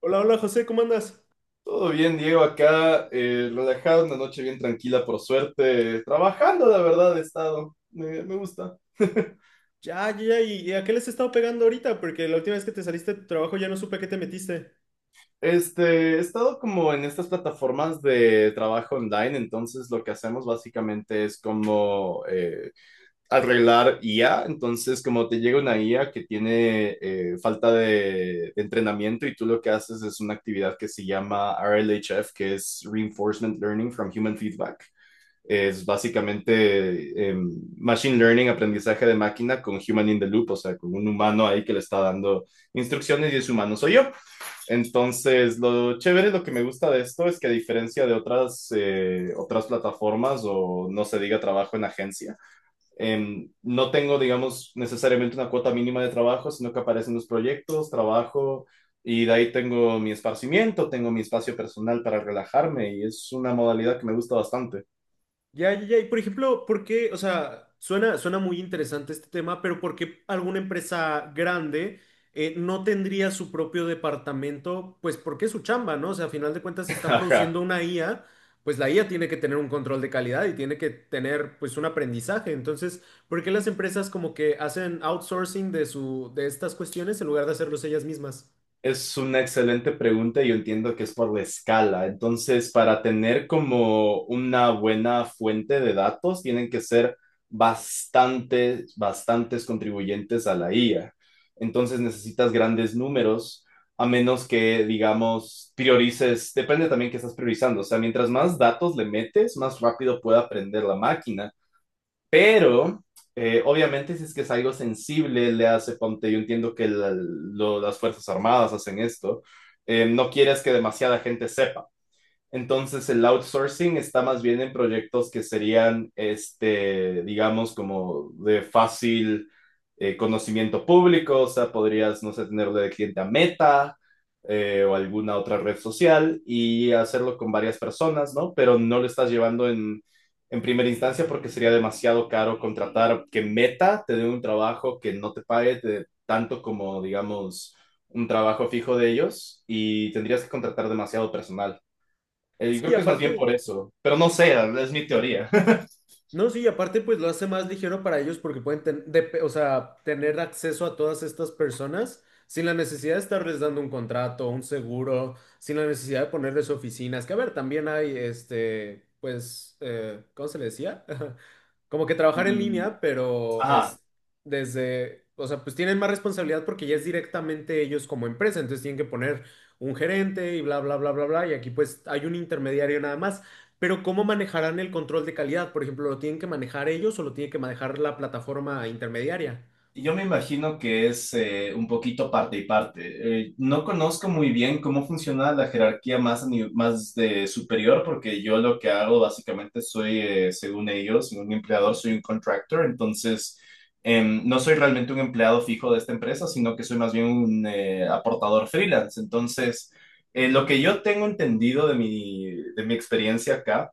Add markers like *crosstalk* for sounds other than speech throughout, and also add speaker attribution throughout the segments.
Speaker 1: Hola, hola José, ¿cómo andas?
Speaker 2: Todo bien, Diego, acá, relajado, una noche bien tranquila, por suerte, trabajando, la verdad, he estado, me gusta. *laughs*
Speaker 1: Ya, ya, ya, ¿y a qué les he estado pegando ahorita? Porque la última vez que te saliste de tu trabajo ya no supe a qué te metiste.
Speaker 2: Este, he estado como en estas plataformas de trabajo online, entonces lo que hacemos básicamente es como arreglar IA. Entonces, como te llega una IA que tiene falta de entrenamiento y tú lo que haces es una actividad que se llama RLHF, que es Reinforcement Learning from Human Feedback. Es básicamente machine learning, aprendizaje de máquina con human in the loop, o sea, con un humano ahí que le está dando instrucciones, y ese humano soy yo. Entonces, lo chévere, lo que me gusta de esto es que a diferencia de otras, otras plataformas o no se diga trabajo en agencia, no tengo, digamos, necesariamente una cuota mínima de trabajo, sino que aparecen los proyectos, trabajo. Y de ahí tengo mi esparcimiento, tengo mi espacio personal para relajarme, y es una modalidad que me gusta bastante.
Speaker 1: Ya, ya, ya, y por ejemplo, ¿por qué? O sea, suena muy interesante este tema, pero ¿por qué alguna empresa grande no tendría su propio departamento? Pues porque es su chamba, ¿no? O sea, a final de cuentas, si
Speaker 2: *laughs*
Speaker 1: están
Speaker 2: Ajá.
Speaker 1: produciendo una IA, pues la IA tiene que tener un control de calidad y tiene que tener pues un aprendizaje. Entonces, ¿por qué las empresas como que hacen outsourcing de estas cuestiones en lugar de hacerlos ellas mismas?
Speaker 2: Es una excelente pregunta y yo entiendo que es por la escala. Entonces, para tener como una buena fuente de datos, tienen que ser bastantes, bastantes contribuyentes a la IA. Entonces, necesitas grandes números, a menos que, digamos, priorices, depende también que estás priorizando. O sea, mientras más datos le metes, más rápido puede aprender la máquina. Pero, obviamente, si es que es algo sensible, le hace, ponte, yo entiendo que las Fuerzas Armadas hacen esto, no quieres que demasiada gente sepa. Entonces el outsourcing está más bien en proyectos que serían, este, digamos, como de fácil conocimiento público. O sea, podrías, no sé, tenerlo de cliente a Meta, o alguna otra red social, y hacerlo con varias personas, ¿no? Pero no lo estás llevando en primera instancia porque sería demasiado caro contratar que Meta te dé un trabajo que no te pague tanto como, digamos, un trabajo fijo de ellos, y tendrías que contratar demasiado personal. Yo creo
Speaker 1: Sí,
Speaker 2: que es más bien
Speaker 1: aparte,
Speaker 2: por eso, pero no sé, es mi teoría. *laughs*
Speaker 1: no, sí, aparte pues lo hace más ligero para ellos porque pueden o sea, tener acceso a todas estas personas sin la necesidad de estarles dando un contrato, un seguro, sin la necesidad de ponerles oficinas, que a ver, también hay, este, pues, ¿cómo se le decía? *laughs* Como que trabajar en
Speaker 2: Mm,
Speaker 1: línea, pero
Speaker 2: ajá,
Speaker 1: es desde, o sea, pues tienen más responsabilidad porque ya es directamente ellos como empresa, entonces tienen que poner un gerente y bla, bla, bla, bla, bla, y aquí pues hay un intermediario nada más. Pero ¿cómo manejarán el control de calidad? Por ejemplo, ¿lo tienen que manejar ellos o lo tiene que manejar la plataforma intermediaria?
Speaker 2: yo me imagino que es un poquito parte y parte. No conozco muy bien cómo funciona la jerarquía más, más de superior, porque yo lo que hago básicamente soy, según ellos, un empleador, soy un contractor. Entonces, no soy realmente un empleado fijo de esta empresa, sino que soy más bien un aportador freelance. Entonces, lo que yo tengo entendido de mi experiencia acá,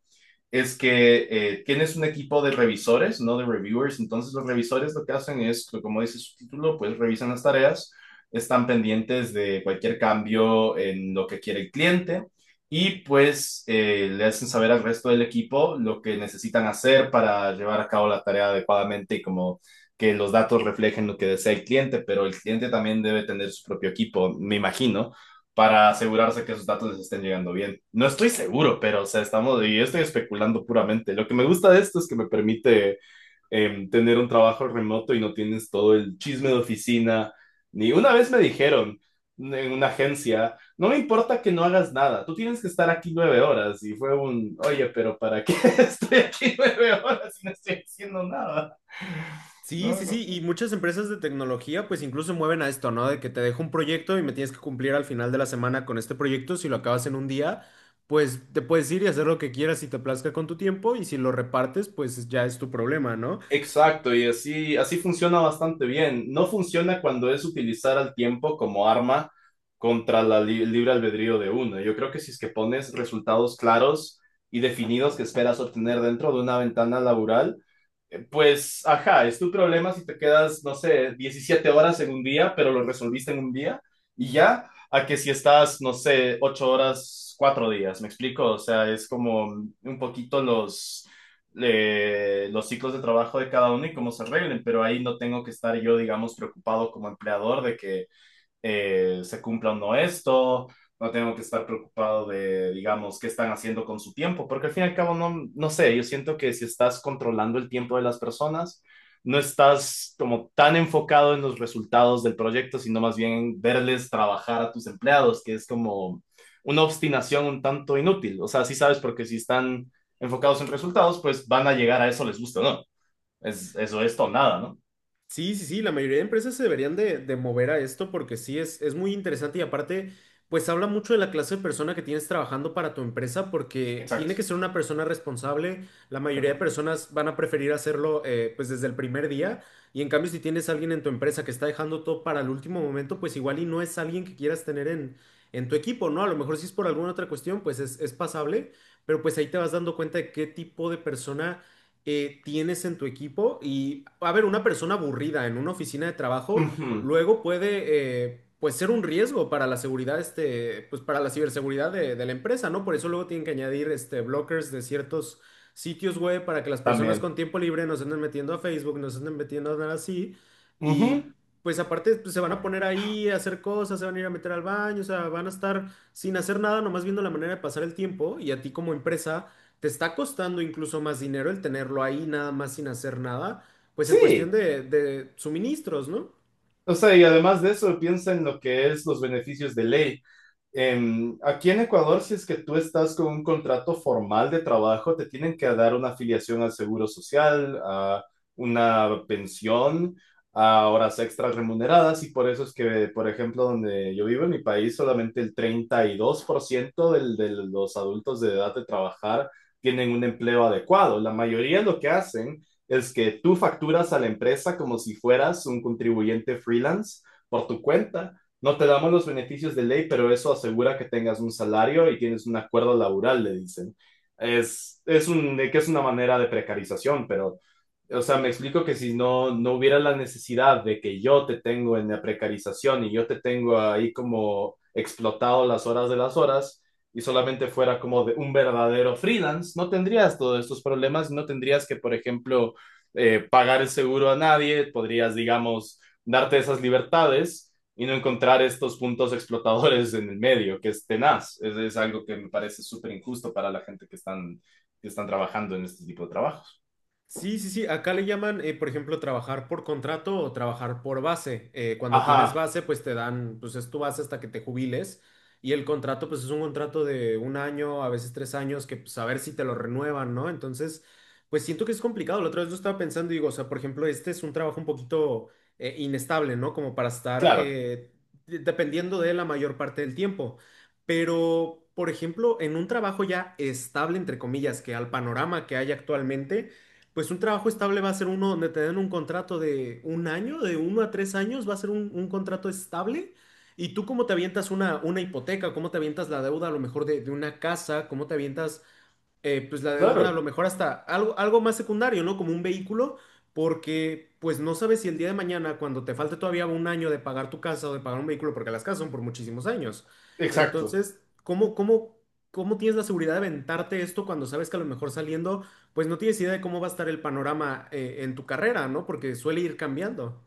Speaker 2: es que tienes un equipo de revisores, no de reviewers. Entonces, los revisores lo que hacen es, como dice su título, pues revisan las tareas, están pendientes de cualquier cambio en lo que quiere el cliente, y pues le hacen saber al resto del equipo lo que necesitan hacer para llevar a cabo la tarea adecuadamente, y como que los datos reflejen lo que desea el cliente. Pero el cliente también debe tener su propio equipo, me imagino, para asegurarse que esos datos les estén llegando bien. No estoy seguro, pero o sea, estamos, y yo estoy especulando puramente. Lo que me gusta de esto es que me permite tener un trabajo remoto y no tienes todo el chisme de oficina. Ni una vez me dijeron en una agencia, no me importa que no hagas nada, tú tienes que estar aquí 9 horas. Y fue un, oye, ¿pero para qué *laughs* estoy aquí 9 horas y no estoy haciendo nada?
Speaker 1: Sí,
Speaker 2: No,
Speaker 1: sí,
Speaker 2: no.
Speaker 1: sí, y muchas empresas de tecnología pues incluso mueven a esto, ¿no? De que te dejo un proyecto y me tienes que cumplir al final de la semana con este proyecto. Si lo acabas en un día, pues te puedes ir y hacer lo que quieras si te plazca con tu tiempo, y si lo repartes pues ya es tu problema, ¿no?
Speaker 2: Exacto, y así, así funciona bastante bien. No funciona cuando es utilizar al tiempo como arma contra la libre albedrío de uno. Yo creo que si es que pones resultados claros y definidos que esperas obtener dentro de una ventana laboral, pues, ajá, es tu problema si te quedas, no sé, 17 horas en un día, pero lo resolviste en un día y ya, a que si estás, no sé, 8 horas, 4 días, ¿me explico? O sea, es como un poquito los ciclos de trabajo de cada uno y cómo se arreglen. Pero ahí no tengo que estar yo, digamos, preocupado como empleador de que se cumpla o no esto, no tengo que estar preocupado de, digamos, qué están haciendo con su tiempo, porque al fin y al cabo, no, no sé, yo siento que si estás controlando el tiempo de las personas, no estás como tan enfocado en los resultados del proyecto, sino más bien en verles trabajar a tus empleados, que es como una obstinación un tanto inútil. O sea, sí sabes porque si están enfocados en resultados, pues van a llegar a eso, les gusta o no. Es, eso es todo, nada, ¿no?
Speaker 1: Sí, sí, sí, la mayoría de empresas se deberían de mover a esto porque sí es muy interesante. Y aparte, pues habla mucho de la clase de persona que tienes trabajando para tu empresa, porque tiene que
Speaker 2: Exacto,
Speaker 1: ser una persona responsable. La
Speaker 2: de
Speaker 1: mayoría de
Speaker 2: acuerdo.
Speaker 1: personas van a preferir hacerlo pues desde el primer día, y en cambio si tienes a alguien en tu empresa que está dejando todo para el último momento, pues igual y no es alguien que quieras tener en tu equipo, ¿no? A lo mejor si es por alguna otra cuestión, pues es pasable, pero pues ahí te vas dando cuenta de qué tipo de persona tienes en tu equipo. Y, a ver, una persona aburrida en una oficina de trabajo
Speaker 2: Ujú.
Speaker 1: luego puede, pues, ser un riesgo para la seguridad, este, pues, para la ciberseguridad de la empresa, ¿no? Por eso luego tienen que añadir, este, blockers de ciertos sitios web para que las personas
Speaker 2: También.
Speaker 1: con tiempo libre no se anden metiendo a Facebook, no se anden metiendo a nada así. Y,
Speaker 2: Ujú.
Speaker 1: pues, aparte, pues, se van a poner ahí a hacer cosas, se van a ir a meter al baño, o sea, van a estar sin hacer nada, nomás viendo la manera de pasar el tiempo, y a ti como empresa te está costando incluso más dinero el tenerlo ahí nada más sin hacer nada, pues en cuestión
Speaker 2: Sí,
Speaker 1: de suministros, ¿no?
Speaker 2: o sea, y además de eso, piensa en lo que es los beneficios de ley. Aquí en Ecuador, si es que tú estás con un contrato formal de trabajo, te tienen que dar una afiliación al seguro social, a una pensión, a horas extras remuneradas, y por eso es que, por ejemplo, donde yo vivo en mi país, solamente el 32% de los adultos de edad de trabajar tienen un empleo adecuado. La mayoría lo que hacen es que tú facturas a la empresa como si fueras un contribuyente freelance por tu cuenta, no te damos los beneficios de ley, pero eso asegura que tengas un salario y tienes un acuerdo laboral, le dicen. Es un, que es una manera de precarización, pero o sea, me explico que si no, no hubiera la necesidad de que yo te tengo en la precarización y yo te tengo ahí como explotado las horas de las horas, y solamente fuera como de un verdadero freelance, no tendrías todos estos problemas, no tendrías que, por ejemplo, pagar el seguro a nadie, podrías, digamos, darte esas libertades y no encontrar estos puntos explotadores en el medio, que es tenaz. Es algo que me parece súper injusto para la gente que están trabajando en este tipo de trabajos.
Speaker 1: Sí, sí, sí. Acá le llaman, por ejemplo, trabajar por contrato o trabajar por base. Cuando tienes
Speaker 2: Ajá.
Speaker 1: base, pues te dan, pues es tu base hasta que te jubiles. Y el contrato, pues es un contrato de un año, a veces tres años, que pues a ver si te lo renuevan, ¿no? Entonces, pues siento que es complicado. La otra vez yo estaba pensando y digo, o sea, por ejemplo, este es un trabajo un poquito inestable, ¿no? Como para estar
Speaker 2: Claro,
Speaker 1: dependiendo de él la mayor parte del tiempo. Pero, por ejemplo, en un trabajo ya estable, entre comillas, que al panorama que hay actualmente, pues un trabajo estable va a ser uno donde te den un contrato de un año, de uno a tres años, va a ser un contrato estable. Y tú cómo te avientas una hipoteca, cómo te avientas la deuda a lo mejor de una casa, cómo te avientas pues la deuda a
Speaker 2: claro,
Speaker 1: lo mejor hasta algo, algo más secundario, ¿no? Como un vehículo, porque pues no sabes si el día de mañana, cuando te falte todavía un año de pagar tu casa o de pagar un vehículo, porque las casas son por muchísimos años.
Speaker 2: exacto.
Speaker 1: Entonces, ¿cómo, cómo, cómo tienes la seguridad de aventarte esto cuando sabes que a lo mejor saliendo, pues no tienes idea de cómo va a estar el panorama, en tu carrera, ¿no? Porque suele ir cambiando.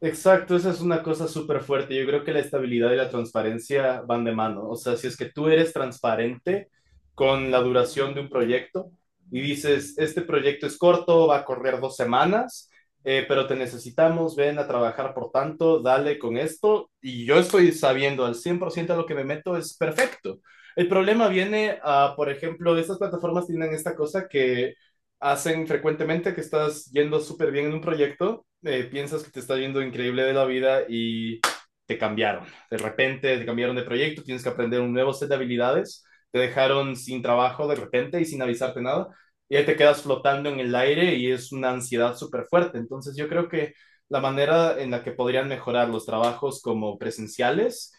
Speaker 2: Exacto, esa es una cosa súper fuerte. Yo creo que la estabilidad y la transparencia van de mano. O sea, si es que tú eres transparente con la duración de un proyecto y dices, este proyecto es corto, va a correr 2 semanas, pero te necesitamos, ven a trabajar por tanto, dale con esto, y yo estoy sabiendo al 100% a lo que me meto, es perfecto. El problema viene a, por ejemplo, estas plataformas tienen esta cosa que hacen frecuentemente, que estás yendo súper bien en un proyecto, piensas que te está yendo increíble de la vida, y te cambiaron. De repente te cambiaron de proyecto, tienes que aprender un nuevo set de habilidades, te dejaron sin trabajo de repente y sin avisarte nada, y ahí te quedas flotando en el aire, y es una ansiedad súper fuerte. Entonces yo creo que la manera en la que podrían mejorar los trabajos como presenciales,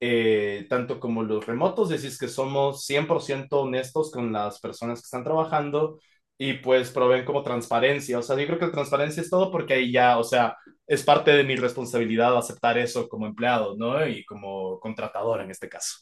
Speaker 2: tanto como los remotos, decís que somos 100% honestos con las personas que están trabajando, y pues proveen como transparencia. O sea, yo creo que la transparencia es todo, porque ahí ya, o sea, es parte de mi responsabilidad aceptar eso como empleado, ¿no? Y como contratador en este caso,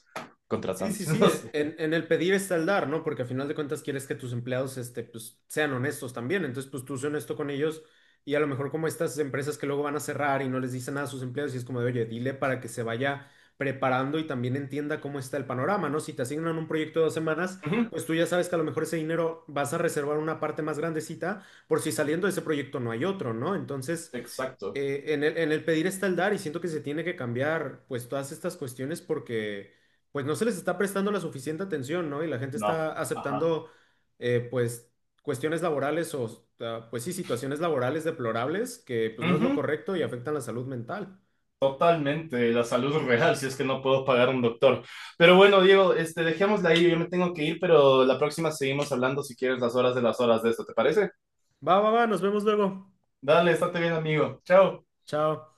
Speaker 1: Sí, sí,
Speaker 2: contratante, *laughs*
Speaker 1: sí,
Speaker 2: no
Speaker 1: en,
Speaker 2: sé.
Speaker 1: en el pedir está el dar, ¿no? Porque a final de cuentas quieres que tus empleados, este, pues, sean honestos también. Entonces, pues tú sé honesto con ellos, y a lo mejor como estas empresas que luego van a cerrar y no les dicen nada a sus empleados, y es como de, oye, dile para que se vaya preparando y también entienda cómo está el panorama, ¿no? Si te asignan un proyecto de dos semanas,
Speaker 2: Ujú.
Speaker 1: pues tú ya sabes que a lo mejor ese dinero vas a reservar una parte más grandecita, por si saliendo de ese proyecto no hay otro, ¿no? Entonces
Speaker 2: Exacto,
Speaker 1: en el pedir está el dar, y siento que se tiene que cambiar pues todas estas cuestiones porque pues no se les está prestando la suficiente atención, ¿no? Y la gente
Speaker 2: no,
Speaker 1: está
Speaker 2: ajá.
Speaker 1: aceptando pues cuestiones laborales o ah, pues sí, situaciones laborales deplorables, que pues no es lo
Speaker 2: Ujú.
Speaker 1: correcto y afectan la salud mental.
Speaker 2: Totalmente, la salud real, si es que no puedo pagar un doctor. Pero bueno, Diego, este, dejémosla ahí, yo me tengo que ir, pero la próxima seguimos hablando si quieres las horas de esto, ¿te parece?
Speaker 1: Va, va, va, nos vemos luego.
Speaker 2: Dale, estate bien, amigo. Chao.
Speaker 1: Chao.